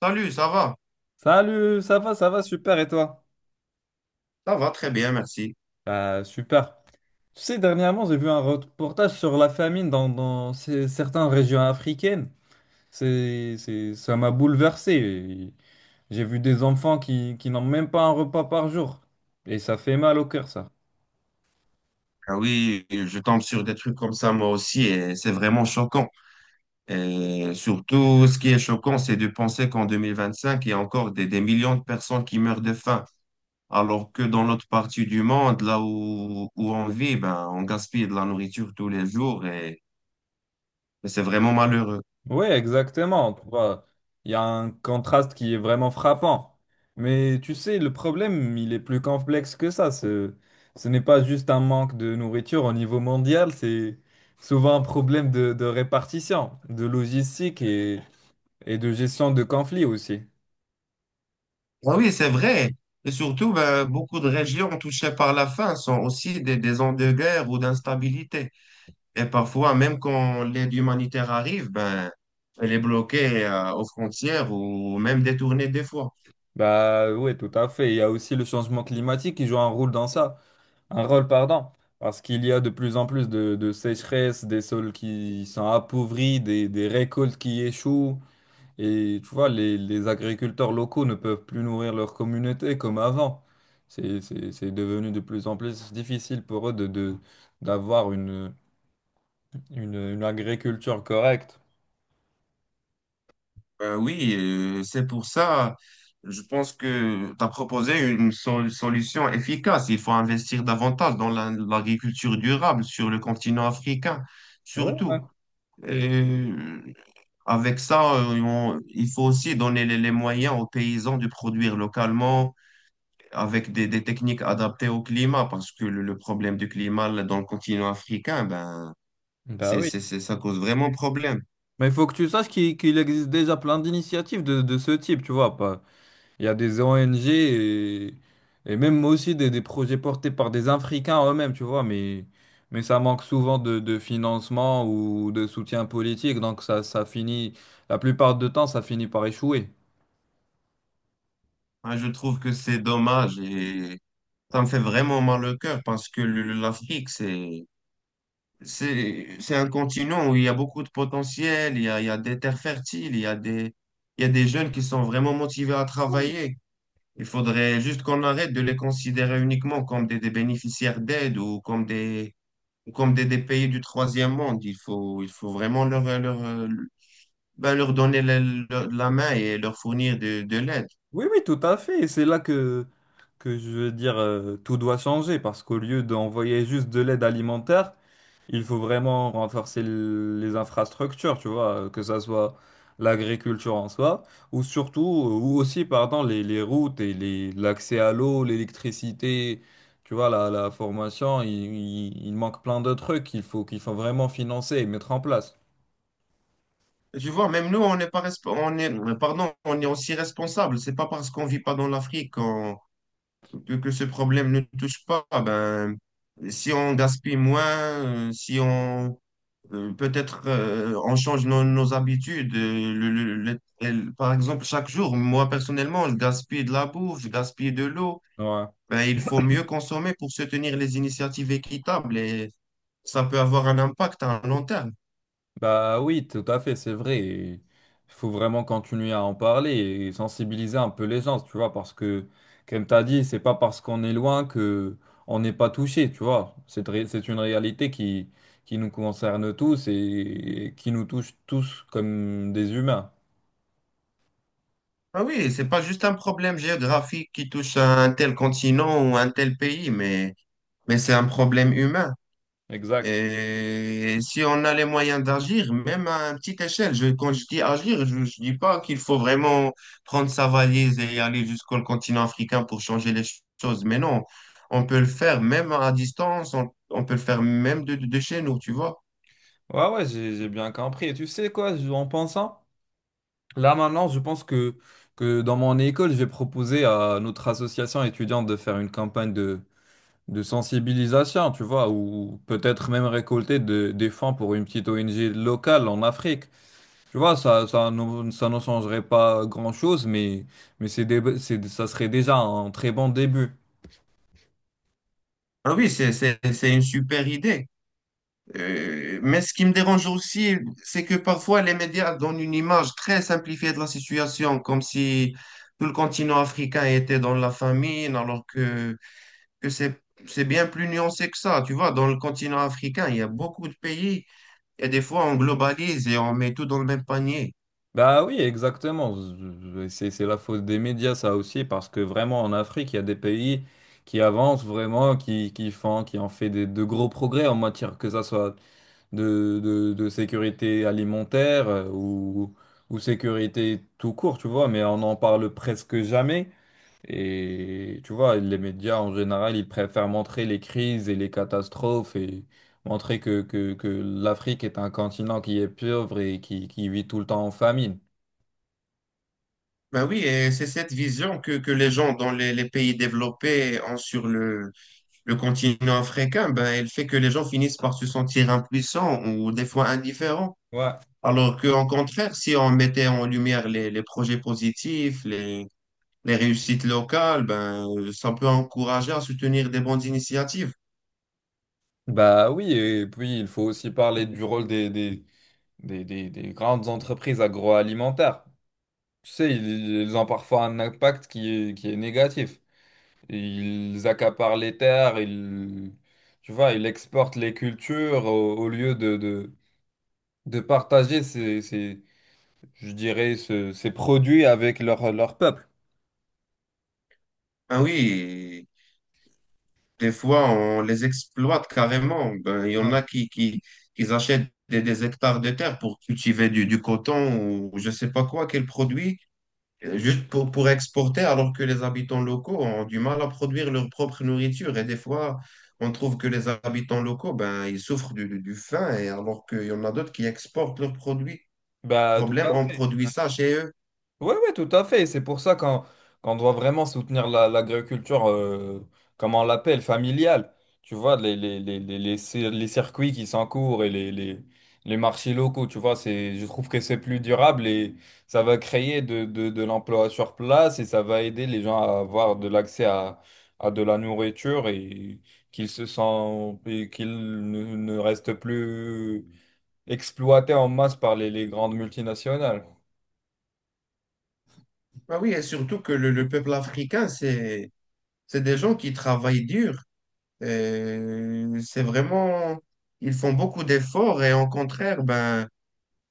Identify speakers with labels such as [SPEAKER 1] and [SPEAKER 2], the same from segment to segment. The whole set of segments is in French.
[SPEAKER 1] Salut, ça va?
[SPEAKER 2] Salut, ça va, super, et toi?
[SPEAKER 1] Ça va très bien, merci.
[SPEAKER 2] Bah, super. Tu sais, dernièrement, j'ai vu un reportage sur la famine dans certaines régions africaines. Ça m'a bouleversé. J'ai vu des enfants qui n'ont même pas un repas par jour. Et ça fait mal au cœur, ça.
[SPEAKER 1] Ah oui, je tombe sur des trucs comme ça moi aussi et c'est vraiment choquant. Et surtout, ce qui est choquant, c'est de penser qu'en 2025, il y a encore des millions de personnes qui meurent de faim, alors que dans notre partie du monde, là où on vit, ben, on gaspille de la nourriture tous les jours et c'est vraiment malheureux.
[SPEAKER 2] Oui, exactement. Tu vois, il y a un contraste qui est vraiment frappant. Mais tu sais, le problème, il est plus complexe que ça. Ce n'est pas juste un manque de nourriture au niveau mondial, c'est souvent un problème de répartition, de logistique et de gestion de conflits aussi.
[SPEAKER 1] Ah oui, c'est vrai. Et surtout, ben, beaucoup de régions touchées par la faim sont aussi des zones de guerre ou d'instabilité. Et parfois, même quand l'aide humanitaire arrive, ben, elle est bloquée aux frontières ou même détournée des fois.
[SPEAKER 2] Bah oui, tout à fait. Il y a aussi le changement climatique qui joue un rôle dans ça, un rôle, pardon. Parce qu'il y a de plus en plus de sécheresses, des sols qui sont appauvris, des récoltes qui échouent. Et tu vois, les agriculteurs locaux ne peuvent plus nourrir leur communauté comme avant. C'est devenu de plus en plus difficile pour eux de d'avoir une agriculture correcte.
[SPEAKER 1] Ben oui, c'est pour ça, je pense que tu as proposé une solution efficace. Il faut investir davantage dans l'agriculture durable sur le continent africain,
[SPEAKER 2] Ouais, ouais.
[SPEAKER 1] surtout. Et avec ça, il faut aussi donner les moyens aux paysans de produire localement avec des techniques adaptées au climat, parce que le problème du climat là, dans le continent africain, ben,
[SPEAKER 2] Bah oui.
[SPEAKER 1] ça cause vraiment problème.
[SPEAKER 2] Mais il faut que tu saches qu'il existe déjà plein d'initiatives de ce type, tu vois. Il y a des ONG et même aussi des projets portés par des Africains eux-mêmes, tu vois, mais ça manque souvent de financement ou de soutien politique, donc ça finit, la plupart du temps, ça finit par échouer.
[SPEAKER 1] Moi, je trouve que c'est dommage et ça me fait vraiment mal au cœur parce que l'Afrique, c'est un continent où il y a beaucoup de potentiel, il y a des terres fertiles, il y a des jeunes qui sont vraiment motivés à travailler. Il faudrait juste qu'on arrête de les considérer uniquement comme des bénéficiaires d'aide ou comme des pays du troisième monde. Il faut vraiment leur donner la main et leur fournir de l'aide.
[SPEAKER 2] Oui, oui, tout à fait, et c'est là que je veux dire, tout doit changer, parce qu'au lieu d'envoyer juste de l'aide alimentaire, il faut vraiment renforcer les infrastructures, tu vois, que ça soit l'agriculture en soi, ou surtout, ou aussi, pardon, les routes et les, l'accès à l'eau, l'électricité, tu vois, la formation, il manque plein de trucs qu'il faut vraiment financer et mettre en place.
[SPEAKER 1] Tu vois, même nous, on n'est pas, resp- on est, pardon, on est aussi responsable. C'est pas parce qu'on vit pas dans l'Afrique que ce problème ne touche pas. Ben, si on gaspille moins, si on peut-être on change nos habitudes. Par exemple, chaque jour, moi personnellement, je gaspille de la bouffe, je gaspille de l'eau.
[SPEAKER 2] Ouais.
[SPEAKER 1] Ben, il faut mieux consommer pour soutenir les initiatives équitables et ça peut avoir un impact à long terme.
[SPEAKER 2] Bah oui, tout à fait, c'est vrai. Il faut vraiment continuer à en parler et sensibiliser un peu les gens, tu vois, parce que, comme tu as dit, c'est pas parce qu'on est loin que on n'est pas touché, tu vois. C'est une réalité qui nous concerne tous et qui nous touche tous comme des humains.
[SPEAKER 1] Ah oui, c'est pas juste un problème géographique qui touche à un tel continent ou un tel pays, mais c'est un problème humain.
[SPEAKER 2] Exact.
[SPEAKER 1] Et si on a les moyens d'agir, même à une petite échelle, quand je dis agir, je dis pas qu'il faut vraiment prendre sa valise et aller jusqu'au continent africain pour changer les choses, mais non, on peut le faire même à distance, on peut le faire même de chez nous, tu vois.
[SPEAKER 2] Ouais, ouais, j'ai bien compris. Et tu sais quoi, en pensant, là maintenant, je pense que dans mon école, j'ai proposé à notre association étudiante de faire une campagne de sensibilisation, tu vois, ou peut-être même récolter des fonds pour une petite ONG locale en Afrique. Tu vois, ça ne changerait pas grand-chose, mais ça serait déjà un très bon début.
[SPEAKER 1] Alors oui, c'est une super idée. Mais ce qui me dérange aussi, c'est que parfois les médias donnent une image très simplifiée de la situation, comme si tout le continent africain était dans la famine, alors que c'est bien plus nuancé que ça. Tu vois, dans le continent africain, il y a beaucoup de pays et des fois on globalise et on met tout dans le même panier.
[SPEAKER 2] Bah oui, exactement. C'est la faute des médias, ça aussi, parce que vraiment en Afrique, il y a des pays qui avancent vraiment, qui ont fait de gros progrès en matière que ça soit de sécurité alimentaire ou sécurité tout court, tu vois, mais on n'en parle presque jamais. Et tu vois, les médias en général, ils préfèrent montrer les crises et les catastrophes et montrer que l'Afrique est un continent qui est pauvre et qui vit tout le temps en famine.
[SPEAKER 1] Ben oui, et c'est cette vision que les gens dans les pays développés ont sur le continent africain, ben, elle fait que les gens finissent par se sentir impuissants ou des fois indifférents.
[SPEAKER 2] Ouais.
[SPEAKER 1] Alors qu'en contraire, si on mettait en lumière les projets positifs, les réussites locales, ben, ça peut encourager à soutenir des bonnes initiatives.
[SPEAKER 2] Bah oui, et puis il faut aussi parler du rôle des grandes entreprises agroalimentaires. Tu sais, ils ont parfois un impact qui est négatif. Ils accaparent les terres, ils, tu vois, ils exportent les cultures au lieu de partager je dirais, ces produits avec leur, leur peuple.
[SPEAKER 1] Ah oui, des fois, on les exploite carrément. Ben, il y en
[SPEAKER 2] Ouais.
[SPEAKER 1] a qui achètent des hectares de terre pour cultiver du coton ou je sais pas quoi, quel produit. Juste pour exporter, alors que les habitants locaux ont du mal à produire leur propre nourriture. Et des fois, on trouve que les habitants locaux, ben, ils souffrent du faim, et alors qu'il y en a d'autres qui exportent leurs produits.
[SPEAKER 2] Bah, tout
[SPEAKER 1] Problème,
[SPEAKER 2] à
[SPEAKER 1] on
[SPEAKER 2] fait.
[SPEAKER 1] produit ça chez eux.
[SPEAKER 2] Oui, oui, tout à fait. C'est pour ça qu'on doit vraiment soutenir l'agriculture, comme on l'appelle, familiale. Tu vois, les circuits qui s'encourent et les marchés locaux, tu vois, c'est, je trouve que c'est plus durable et ça va créer de l'emploi sur place et ça va aider les gens à avoir de l'accès à de la nourriture et qu'ils se sentent, et qu'ils ne restent plus exploités en masse par les grandes multinationales.
[SPEAKER 1] Ben oui, et surtout que le peuple africain, c'est des gens qui travaillent dur. C'est vraiment, ils font beaucoup d'efforts, et au contraire, ben,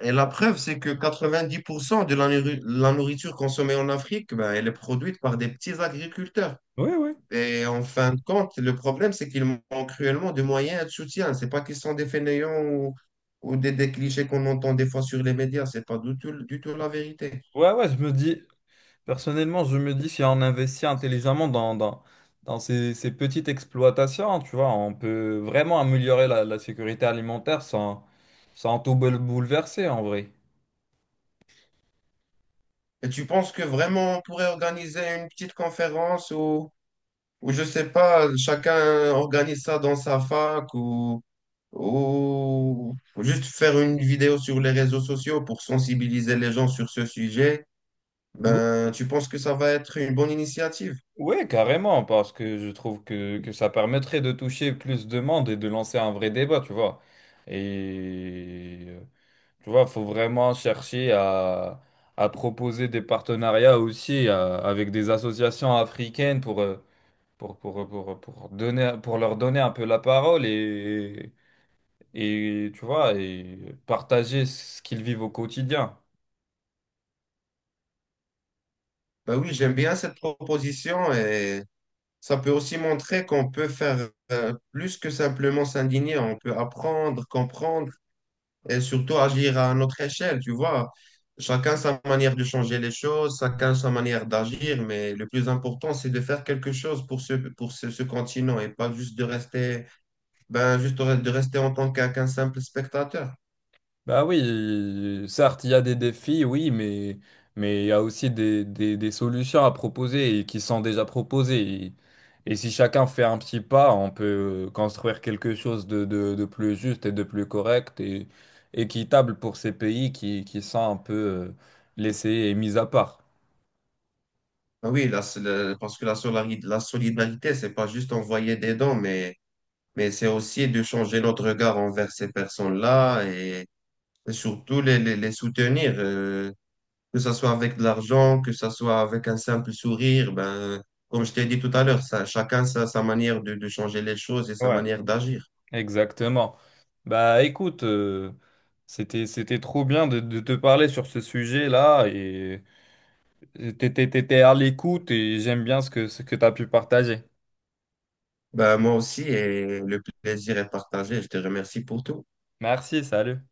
[SPEAKER 1] et la preuve, c'est que 90% de la nourriture consommée en Afrique, ben, elle est produite par des petits agriculteurs.
[SPEAKER 2] Oui, oui.
[SPEAKER 1] Et en fin de compte, le problème, c'est qu'ils manquent cruellement de moyens et de soutien. C'est pas qu'ils sont des fainéants ou des clichés qu'on entend des fois sur les médias. C'est pas du tout, du tout la vérité.
[SPEAKER 2] Ouais, ouais, je me dis, personnellement, je me dis si on investit intelligemment dans ces petites exploitations, tu vois, on peut vraiment améliorer la sécurité alimentaire sans, bouleverser en vrai.
[SPEAKER 1] Et tu penses que vraiment on pourrait organiser une petite conférence ou je sais pas, chacun organise ça dans sa fac ou juste faire une vidéo sur les réseaux sociaux pour sensibiliser les gens sur ce sujet, ben, tu penses que ça va être une bonne initiative?
[SPEAKER 2] Oui, carrément, parce que je trouve que ça permettrait de toucher plus de monde et de lancer un vrai débat, tu vois. Et tu vois, faut vraiment chercher à proposer des partenariats aussi avec des associations africaines pour, pour leur donner un peu la parole et tu vois, et partager ce qu'ils vivent au quotidien.
[SPEAKER 1] Ben oui, j'aime bien cette proposition et ça peut aussi montrer qu'on peut faire plus que simplement s'indigner, on peut apprendre, comprendre et surtout agir à notre échelle, tu vois. Chacun sa manière de changer les choses, chacun sa manière d'agir, mais le plus important, c'est de faire quelque chose pour ce continent et pas juste de rester, ben, juste de rester en tant qu'un simple spectateur.
[SPEAKER 2] Bah oui, certes, il y a des défis, oui, mais il y a aussi des solutions à proposer et qui sont déjà proposées. Et si chacun fait un petit pas, on peut construire quelque chose de plus juste et de plus correct et équitable pour ces pays qui sont un peu laissés et mis à part.
[SPEAKER 1] Ah oui, parce que la solidarité, c'est pas juste envoyer des dons, mais c'est aussi de changer notre regard envers ces personnes-là et surtout les soutenir. Que ça soit avec de l'argent, que ça soit avec un simple sourire, ben, comme je t'ai dit tout à l'heure, ça, chacun sa manière de changer les choses et sa
[SPEAKER 2] Ouais.
[SPEAKER 1] manière d'agir.
[SPEAKER 2] Exactement. Bah écoute, c'était trop bien de te parler sur ce sujet-là et t'étais à l'écoute et j'aime bien ce que t'as pu partager.
[SPEAKER 1] Ben, moi aussi, et le plaisir est partagé. Je te remercie pour tout.
[SPEAKER 2] Merci, salut.